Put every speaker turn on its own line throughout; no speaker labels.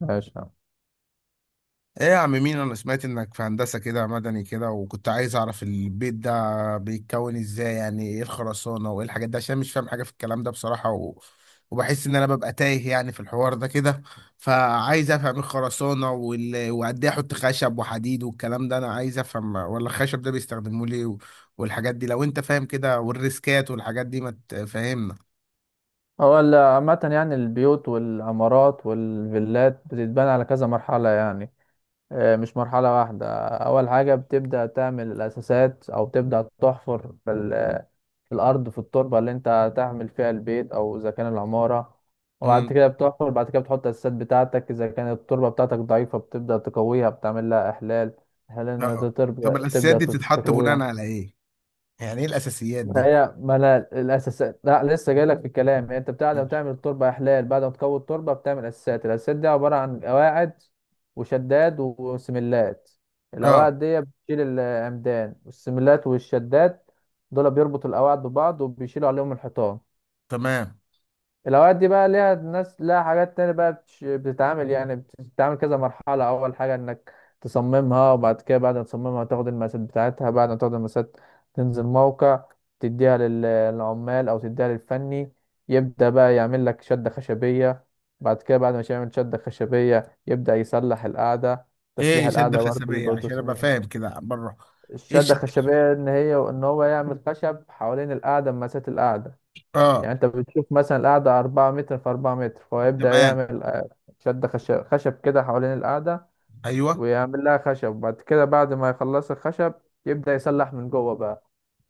ماشي يا عم.
ايه يا عم مين، انا سمعت انك في هندسة كده، مدني كده، وكنت عايز اعرف البيت ده بيتكون ازاي. يعني ايه الخرسانة وايه الحاجات دي؟ عشان مش فاهم حاجة في الكلام ده بصراحة وبحس ان انا ببقى تايه يعني في الحوار ده كده. فعايز افهم ايه الخرسانة وقد ايه احط خشب وحديد والكلام ده، انا عايز افهم. ولا الخشب ده بيستخدموه ليه والحاجات دي، لو انت فاهم كده والريسكات والحاجات دي ما تفهمنا.
هو عامة يعني البيوت والعمارات والفيلات بتتبنى على كذا مرحلة يعني. مش مرحلة واحدة. أول حاجة بتبدأ تعمل الأساسات أو تبدأ تحفر في في الأرض، في التربة اللي أنت هتعمل فيها البيت أو إذا كان العمارة. وبعد
امم.
كده بتحفر، بعد كده بتحط الأساسات بتاعتك. إذا كانت التربة بتاعتك ضعيفة بتبدأ تقويها، بتعمل لها إحلال. إحلال إنها
اه.
تبدأ
طب الاساسيات
تبدأ
دي بتتحط بناء
تقويها.
على ايه؟ يعني ايه الاساسيات دي؟
هي ما انا الاساسات لا لسه جاي لك في الكلام. هي انت بتاع لما
ماشي.
تعمل التربه احلال، بعد ما تكون التربه بتعمل اساسات. الاساسات دي عباره عن قواعد وشداد وسملات.
اه.
القواعد دي بتشيل العمدان والسملات والشداد، دول بيربطوا القواعد ببعض وبيشيلوا عليهم الحيطان.
تمام.
الاوقات دي بقى ليها ناس لها حاجات تانية بقى بتتعامل، يعني بتتعامل كذا مرحلة. اول حاجة انك تصممها، وبعد كده بعد ما تصممها تاخد المقاسات بتاعتها. بعد ما تاخد المقاسات تنزل موقع، تديها للعمال او تديها للفني. يبدأ بقى يعمل لك شدة خشبية. بعد كده بعد ما يعمل شدة خشبية يبدأ يصلح القعدة. تصليح
ايه شدة
القعدة برضه
خشبية
بيبقى له
عشان ابقى
تصميم.
فاهم كده بره؟ ايه
الشدة
الشدة الخشبية؟
الخشبية ان هي ان هو يعمل خشب حوالين القعدة، مسات القعدة. يعني
اه.
انت بتشوف مثلا القعدة أربعة متر في أربعة متر، فهو يبدأ
تمام.
يعمل شد خشب، خشب كده حوالين القعدة،
ايوه.
ويعمل لها خشب. وبعد كده بعد ما يخلص الخشب يبدأ يسلح من جوه بقى.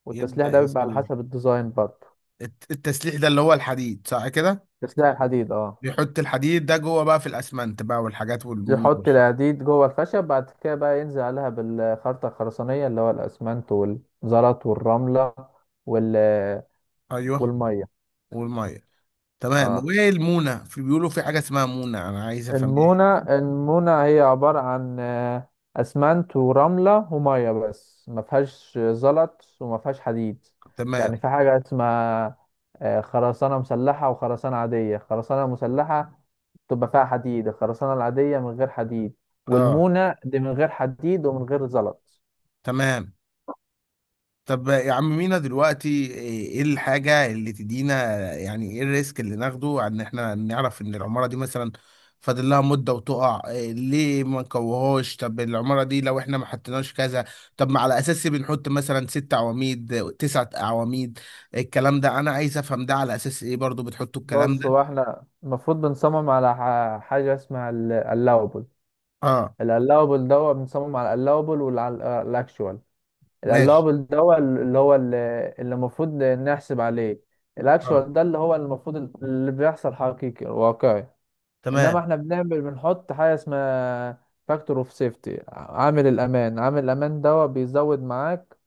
والتسليح
يبدأ
ده بيبقى على
يسلم.
حسب الديزاين برضه.
التسليح ده اللي هو الحديد صح كده؟
تسليح الحديد، اه.
بيحط الحديد ده جوه بقى في الاسمنت بقى والحاجات والمونة
يحط
والخرق.
الحديد جوه الخشب، بعد كده بقى ينزل عليها بالخرطة الخرسانية اللي هو الأسمنت والزلط والرملة وال
ايوه.
والمية.
والميه. تمام.
اه.
وايه المونة؟ في بيقولوا في حاجة اسمها مونة، انا عايز افهم ايه.
المونة هي عبارة عن أسمنت ورملة ومية بس، ما فيهاش زلط وما فيهاش حديد. يعني
تمام.
في حاجة اسمها خرسانة مسلحة وخرسانة عادية. خرسانة مسلحة تبقى فيها حديد، الخرسانة العادية من غير حديد،
اه.
والمونة دي من غير حديد ومن غير زلط.
تمام. طب يا عم مينا دلوقتي، ايه الحاجة اللي تدينا، يعني ايه الريسك اللي ناخده عن ان احنا نعرف ان العمارة دي مثلا فاضل لها مدة وتقع؟ إيه ليه ما نكوهوش؟ طب العمارة دي لو احنا ما حطيناش كذا. طب ما على اساس إيه بنحط مثلا ست عواميد، تسعة عواميد؟ الكلام ده انا عايز افهم ده على اساس ايه برضو بتحطوا الكلام
بص،
ده.
هو احنا المفروض بنصمم على حاجة اسمها اللاوبل.
اه.
اللاوبل ده، هو بنصمم على اللاوبل والأكشوال.
ماشي.
القلابل ده هو اللي المفروض نحسب عليه.
اه.
الاكشوال ده اللي هو المفروض اللي بيحصل حقيقي واقعي. انما
تمام.
احنا بنحط حاجه اسمها فاكتور اوف سيفتي، عامل الامان. عامل الامان ده بيزود معاك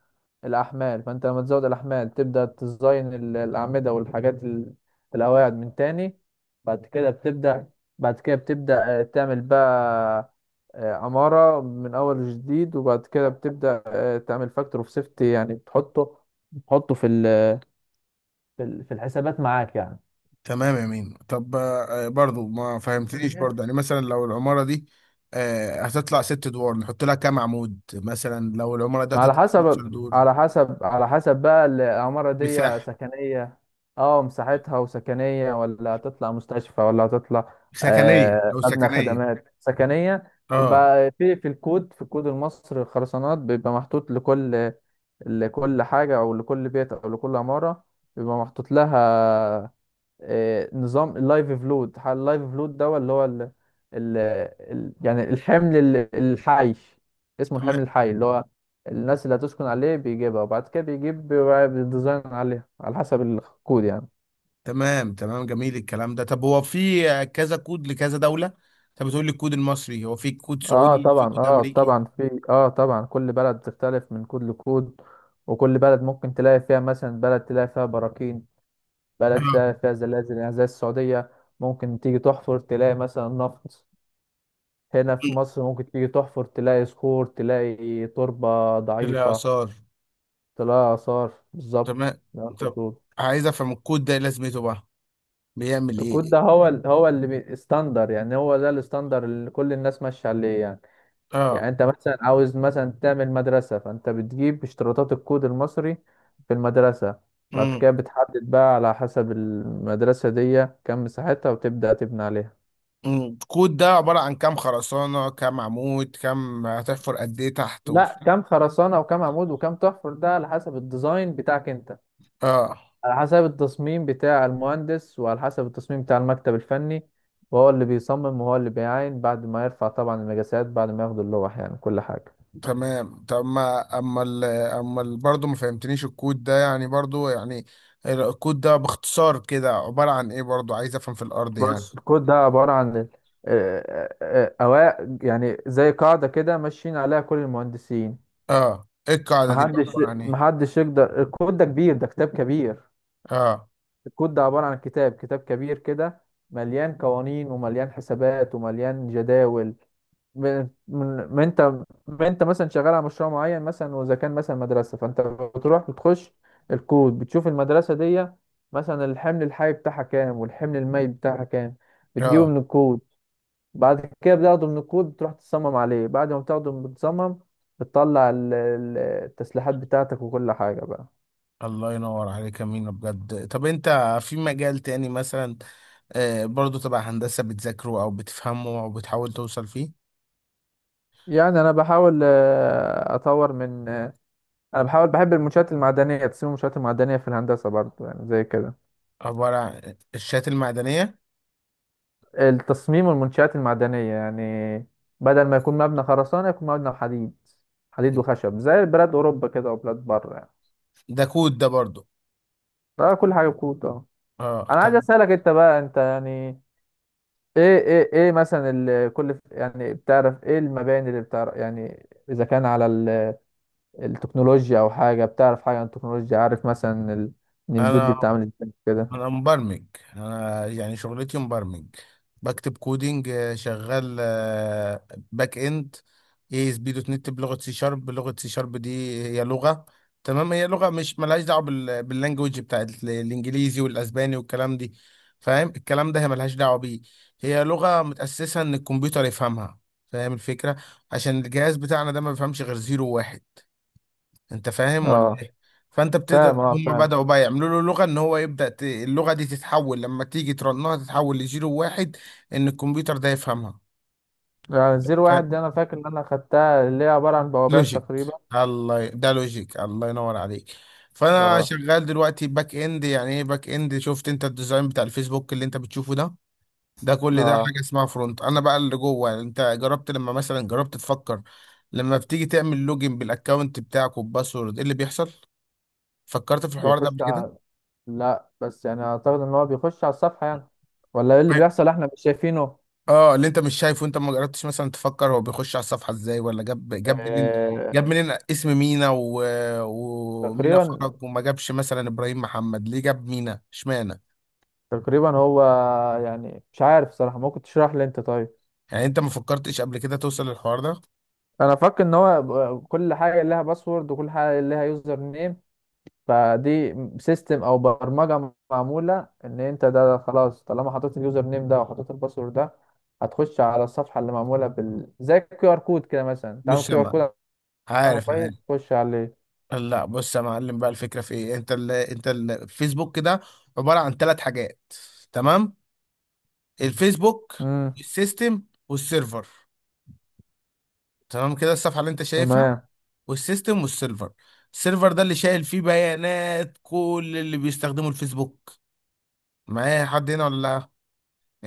الأحمال، فأنت لما تزود الأحمال تبدأ تزين الأعمدة والحاجات القواعد من تاني. بعد كده بتبدأ بعد كده بتبدأ تعمل بقى عمارة من أول جديد. وبعد كده بتبدأ تعمل فاكتور أوف سيفتي، يعني بتحطه في في الحسابات معاك.
تمام يا مين. طب آه، برضو ما فهمتنيش
يعني
برضو، يعني مثلا لو العمارة دي آه، هتطلع ست ادوار، نحط لها كام عمود؟ مثلا لو العمارة دي
ما
هتطلع 12 دور.
على حسب بقى، العمارة دي
مساحة.
سكنية. اه مساحتها، وسكنية ولا هتطلع مستشفى ولا هتطلع
سكنية، لو
مبنى
سكنية.
خدمات سكنية.
اه.
يبقى في الكود في الكود المصري، الخرسانات بيبقى محطوط لكل حاجة، أو لكل بيت أو لكل عمارة بيبقى محطوط لها نظام اللايف فلود. اللايف فلود ده اللي هو يعني الحمل الحي، اسمه الحمل
تمام.
الحي اللي هو الناس اللي هتسكن عليه، بيجيبها وبعد كده بيجيب بيبقى بالديزاين عليها على حسب الكود يعني.
تمام. تمام جميل الكلام ده. طب هو في آه، كذا كود لكذا دولة؟ انت بتقول لي الكود المصري، هو في كود
اه
سعودي، في
طبعا
كود
اه
امريكي؟
طبعا في اه طبعا كل بلد بتختلف من كود لكود. وكل بلد ممكن تلاقي فيها مثلا بلد تلاقي فيها براكين، بلد
آه.
فيها زلازل يعني زي السعودية. ممكن تيجي تحفر تلاقي مثلا نفط. هنا في مصر ممكن تيجي تحفر تلاقي صخور، تلاقي تربة
في
ضعيفة،
الآثار.
تلاقي آثار بالظبط
تمام.
زي ما انت
طب
بتقول.
عايز افهم الكود ده إيه لازمته بقى، بيعمل
الكود
ايه؟
ده هو هو اللي standard، يعني هو ده الستاندر اللي كل الناس ماشية عليه يعني. يعني
اه.
انت مثلا عاوز مثلا تعمل مدرسة، فانت بتجيب اشتراطات الكود المصري في المدرسة. بعد كده بتحدد بقى على حسب المدرسة دي كم مساحتها، وتبدأ تبني عليها.
كود ده عبارة عن كام خرسانة، كام عمود، كام هتحفر قد ايه تحت؟
لا، كم خرسانة وكم عمود وكم تحفر، ده على حسب الديزاين بتاعك انت،
اه.
على حسب التصميم بتاع المهندس وعلى حسب التصميم بتاع المكتب الفني، وهو اللي بيصمم وهو اللي بيعاين بعد ما يرفع طبعا المقاسات، بعد ما ياخد اللوح، يعني كل حاجة.
تمام. طب ما برضه ما فهمتنيش الكود ده يعني، برضه يعني الكود ده باختصار كده عبارة عن ايه؟ برضه عايز افهم، في الارض يعني.
بص، الكود ده عبارة عن أوائل، يعني زي قاعدة كده ماشيين عليها كل المهندسين.
اه. ايه القاعدة دي بقى
محدش
عبارة عن ايه؟
محدش يقدر، الكود ده كبير، ده كتاب كبير.
اه.
الكود ده عبارة عن كتاب كبير كده مليان قوانين ومليان حسابات ومليان جداول. ب- من ما انت ما انت مثلا شغال على مشروع معين، مثلا واذا كان مثلا مدرسه، فانت بتروح بتخش الكود، بتشوف المدرسه دي مثلا الحمل الحي بتاعها كام والحمل المائي بتاعها كام، بتجيبه
اه.
من الكود. بعد كده بتاخده من الكود، بتروح تصمم عليه. بعد ما بتاخده بتصمم، بتطلع التسليحات بتاعتك وكل حاجه بقى.
الله ينور عليك يا مينا بجد. طب انت في مجال تاني مثلا آه، برضه تبع هندسة، بتذاكره او بتفهمه او بتحاول توصل فيه؟
يعني انا بحاول اطور من انا بحاول، بحب المنشآت المعدنيه، تصميم المنشآت المعدنيه في الهندسه برضه يعني زي كده.
عبارة عن الشات المعدنية؟
التصميم والمنشآت المعدنية يعني بدل ما يكون مبنى خرسانة يكون مبنى حديد، حديد وخشب زي بلاد أوروبا كده وبلاد بره يعني.
ده كود ده برضو؟
ده كل حاجة بكوت، اه.
اه.
أنا عايز
طب.
أسألك أنت بقى، أنت يعني إيه مثلا كل، يعني بتعرف إيه المباني اللي بتعرف، يعني إذا كان على التكنولوجيا أو حاجة، بتعرف حاجة عن التكنولوجيا؟ عارف مثلا إن البيوت دي
انا
بتعمل إزاي كده؟
انا مبرمج. انا يعني شغلتي مبرمج. بكتب كودينج. آه، شغال آه، باك اند. اي اس بي دوت نت، بلغه سي شارب. لغه سي شارب دي هي لغه. تمام. هي لغه مش ملهاش دعوه باللانجوج بتاعت الانجليزي والاسباني والكلام دي، فاهم الكلام ده؟ هي ملهاش دعوه بيه. هي لغه متاسسه ان الكمبيوتر يفهمها، فاهم الفكره؟ عشان الجهاز بتاعنا ده ما بيفهمش غير زيرو وواحد، انت فاهم ولا
أه،
ايه؟ فانت بتقدر،
فاهم. أه،
هم
فاهم.
بدأوا بقى يعملوا له لغة ان هو يبدأ اللغة دي تتحول، لما تيجي ترنها تتحول لزيرو واحد، ان الكمبيوتر ده يفهمها.
يعني زيرو
ف...
واحد دي أنا فاكر إن أنا خدتها، اللي هي عبارة عن بوابات
لوجيك.
تقريبا.
ده لوجيك، الله ينور عليك. فانا
أه.
شغال دلوقتي باك اند. يعني ايه باك اند؟ شفت انت الديزاين بتاع الفيسبوك اللي انت بتشوفه ده؟ ده كل ده
أه.
حاجة اسمها فرونت. انا بقى اللي جوه. انت جربت لما مثلا جربت تفكر، لما بتيجي تعمل لوجن بالاكونت بتاعك وباسورد، ايه اللي بيحصل؟ فكرت في الحوار ده قبل
بيخش
كده؟
على لا بس يعني اعتقد ان هو بيخش على الصفحة يعني، ولا ايه اللي بيحصل احنا مش شايفينه؟
اه. اللي انت مش شايفه، انت ما جربتش مثلا تفكر هو بيخش على الصفحه ازاي، ولا جاب منين،
آه...
جاب منين اسم مينا ومينا
تقريبا
فرج، وما جابش مثلا ابراهيم محمد، ليه جاب مينا اشمعنى؟
تقريبا هو يعني مش عارف صراحة، ممكن تشرح لي انت طيب.
يعني انت ما فكرتش قبل كده توصل للحوار ده؟
انا فاكر ان هو كل حاجة لها باسورد وكل حاجة لها يوزر نيم، فدي سيستم او برمجة معمولة ان انت ده خلاص طالما حطيت اليوزر نيم ده وحطيت الباسورد ده هتخش على الصفحة، اللي معمولة بال زي الكيو ار كود كده، مثلا تعمل
بص يا
كيو ار كود
معلم.
على
عارف، عارف.
الموبايل تخش عليه.
لا بص يا معلم بقى، الفكره في ايه. انت الفيسبوك كده عباره عن ثلاث حاجات، تمام؟ الفيسبوك، السيستم، والسيرفر. تمام كده. الصفحه اللي انت شايفها
تمام.
والسيستم والسيرفر. السيرفر ده اللي شايل فيه بيانات كل اللي بيستخدموا الفيسبوك. معايا حد هنا ولا لا؟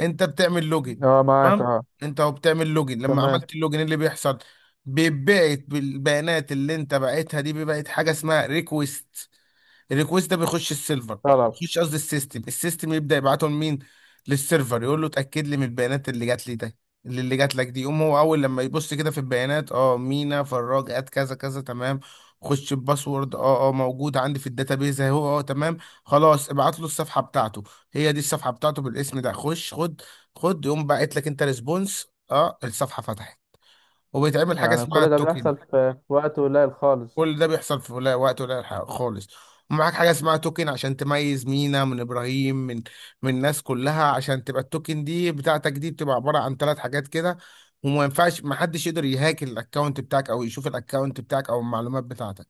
انت بتعمل لوجن.
اه، معاك،
تمام.
اه.
انت وبتعمل لوجن، لما
تمام.
عملت اللوجن إيه اللي بيحصل؟ بيتبعت بالبيانات اللي انت بعتها دي، بيبعت حاجه اسمها ريكويست. الريكوست ده بيخش السيرفر،
طلب.
يخش قصدي السيستم. السيستم يبدا يبعته لمين؟ للسيرفر، يقول له اتاكد لي من البيانات اللي جات لي ده. اللي، اللي جات لك دي، يقوم هو اول لما يبص كده في البيانات، اه مينا فراج ات كذا كذا، تمام، خش الباسورد، اه اه موجود عندي في الداتابيز اهو، اه تمام، خلاص ابعت له الصفحه بتاعته. هي دي الصفحه بتاعته بالاسم ده، خش خد. خد. يقوم باعت لك انت ريسبونس، اه الصفحه فتحت، وبيتعمل حاجه
يعني
اسمها
كل ده
التوكن.
بيحصل في في وقت قليل خالص.
كل ده بيحصل في قليل، وقت قليل خالص. ومعاك حاجة اسمها توكن، عشان تميز مينا من إبراهيم، من الناس كلها. عشان تبقى التوكن دي بتاعتك دي بتبقى عبارة عن ثلاث حاجات كده، وما ينفعش، ما حدش يقدر يهاك الأكونت بتاعك أو يشوف الأكونت بتاعك أو المعلومات بتاعتك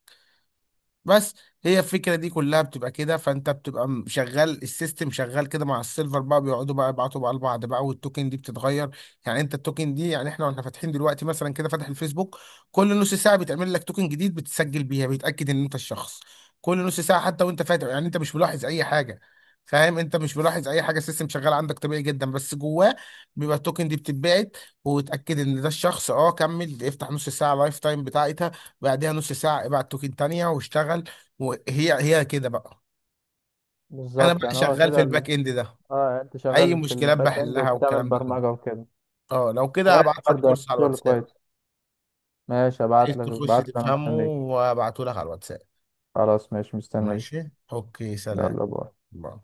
بس. هي الفكره دي كلها بتبقى كده. فانت بتبقى شغال، السيستم شغال كده مع السيلفر بقى، بيقعدوا بقى يبعتوا بقى لبعض بقى، والتوكن دي بتتغير. يعني انت التوكن دي، يعني احنا واحنا فاتحين دلوقتي مثلا كده فاتح الفيسبوك، كل نص ساعه بتعمل لك توكن جديد، بتسجل بيها، بيتاكد ان انت الشخص. كل نص ساعه، حتى وانت فاتح، يعني انت مش ملاحظ اي حاجه، فاهم؟ انت مش ملاحظ اي حاجه، السيستم شغال عندك طبيعي جدا، بس جواه بيبقى التوكن دي بتتبعت، وتاكد ان ده الشخص، اه كمل افتح. نص ساعه لايف تايم بتاعتها، بعدها نص ساعة ابعت توكن تانية واشتغل. وهي هي كده بقى. انا
بالظبط،
بقى
يعني هو
شغال في
كده
الباك اند ده،
اه. يعني انت
اي
شغال في
مشكلات
الباك اند
بحلها
وبتعمل
والكلام ده كله.
برمجة وكده.
اه لو كده
كويس،
هبعت لك
برضه يعني
كورس على
شغل
الواتساب،
كويس. ماشي، ابعت
عايز
لك
تخش
ابعت لك انا
تفهمه،
مستنيك.
وابعته لك على الواتساب.
خلاص ماشي، مستنيك.
ماشي، اوكي، سلام.
يلا باي.
باي.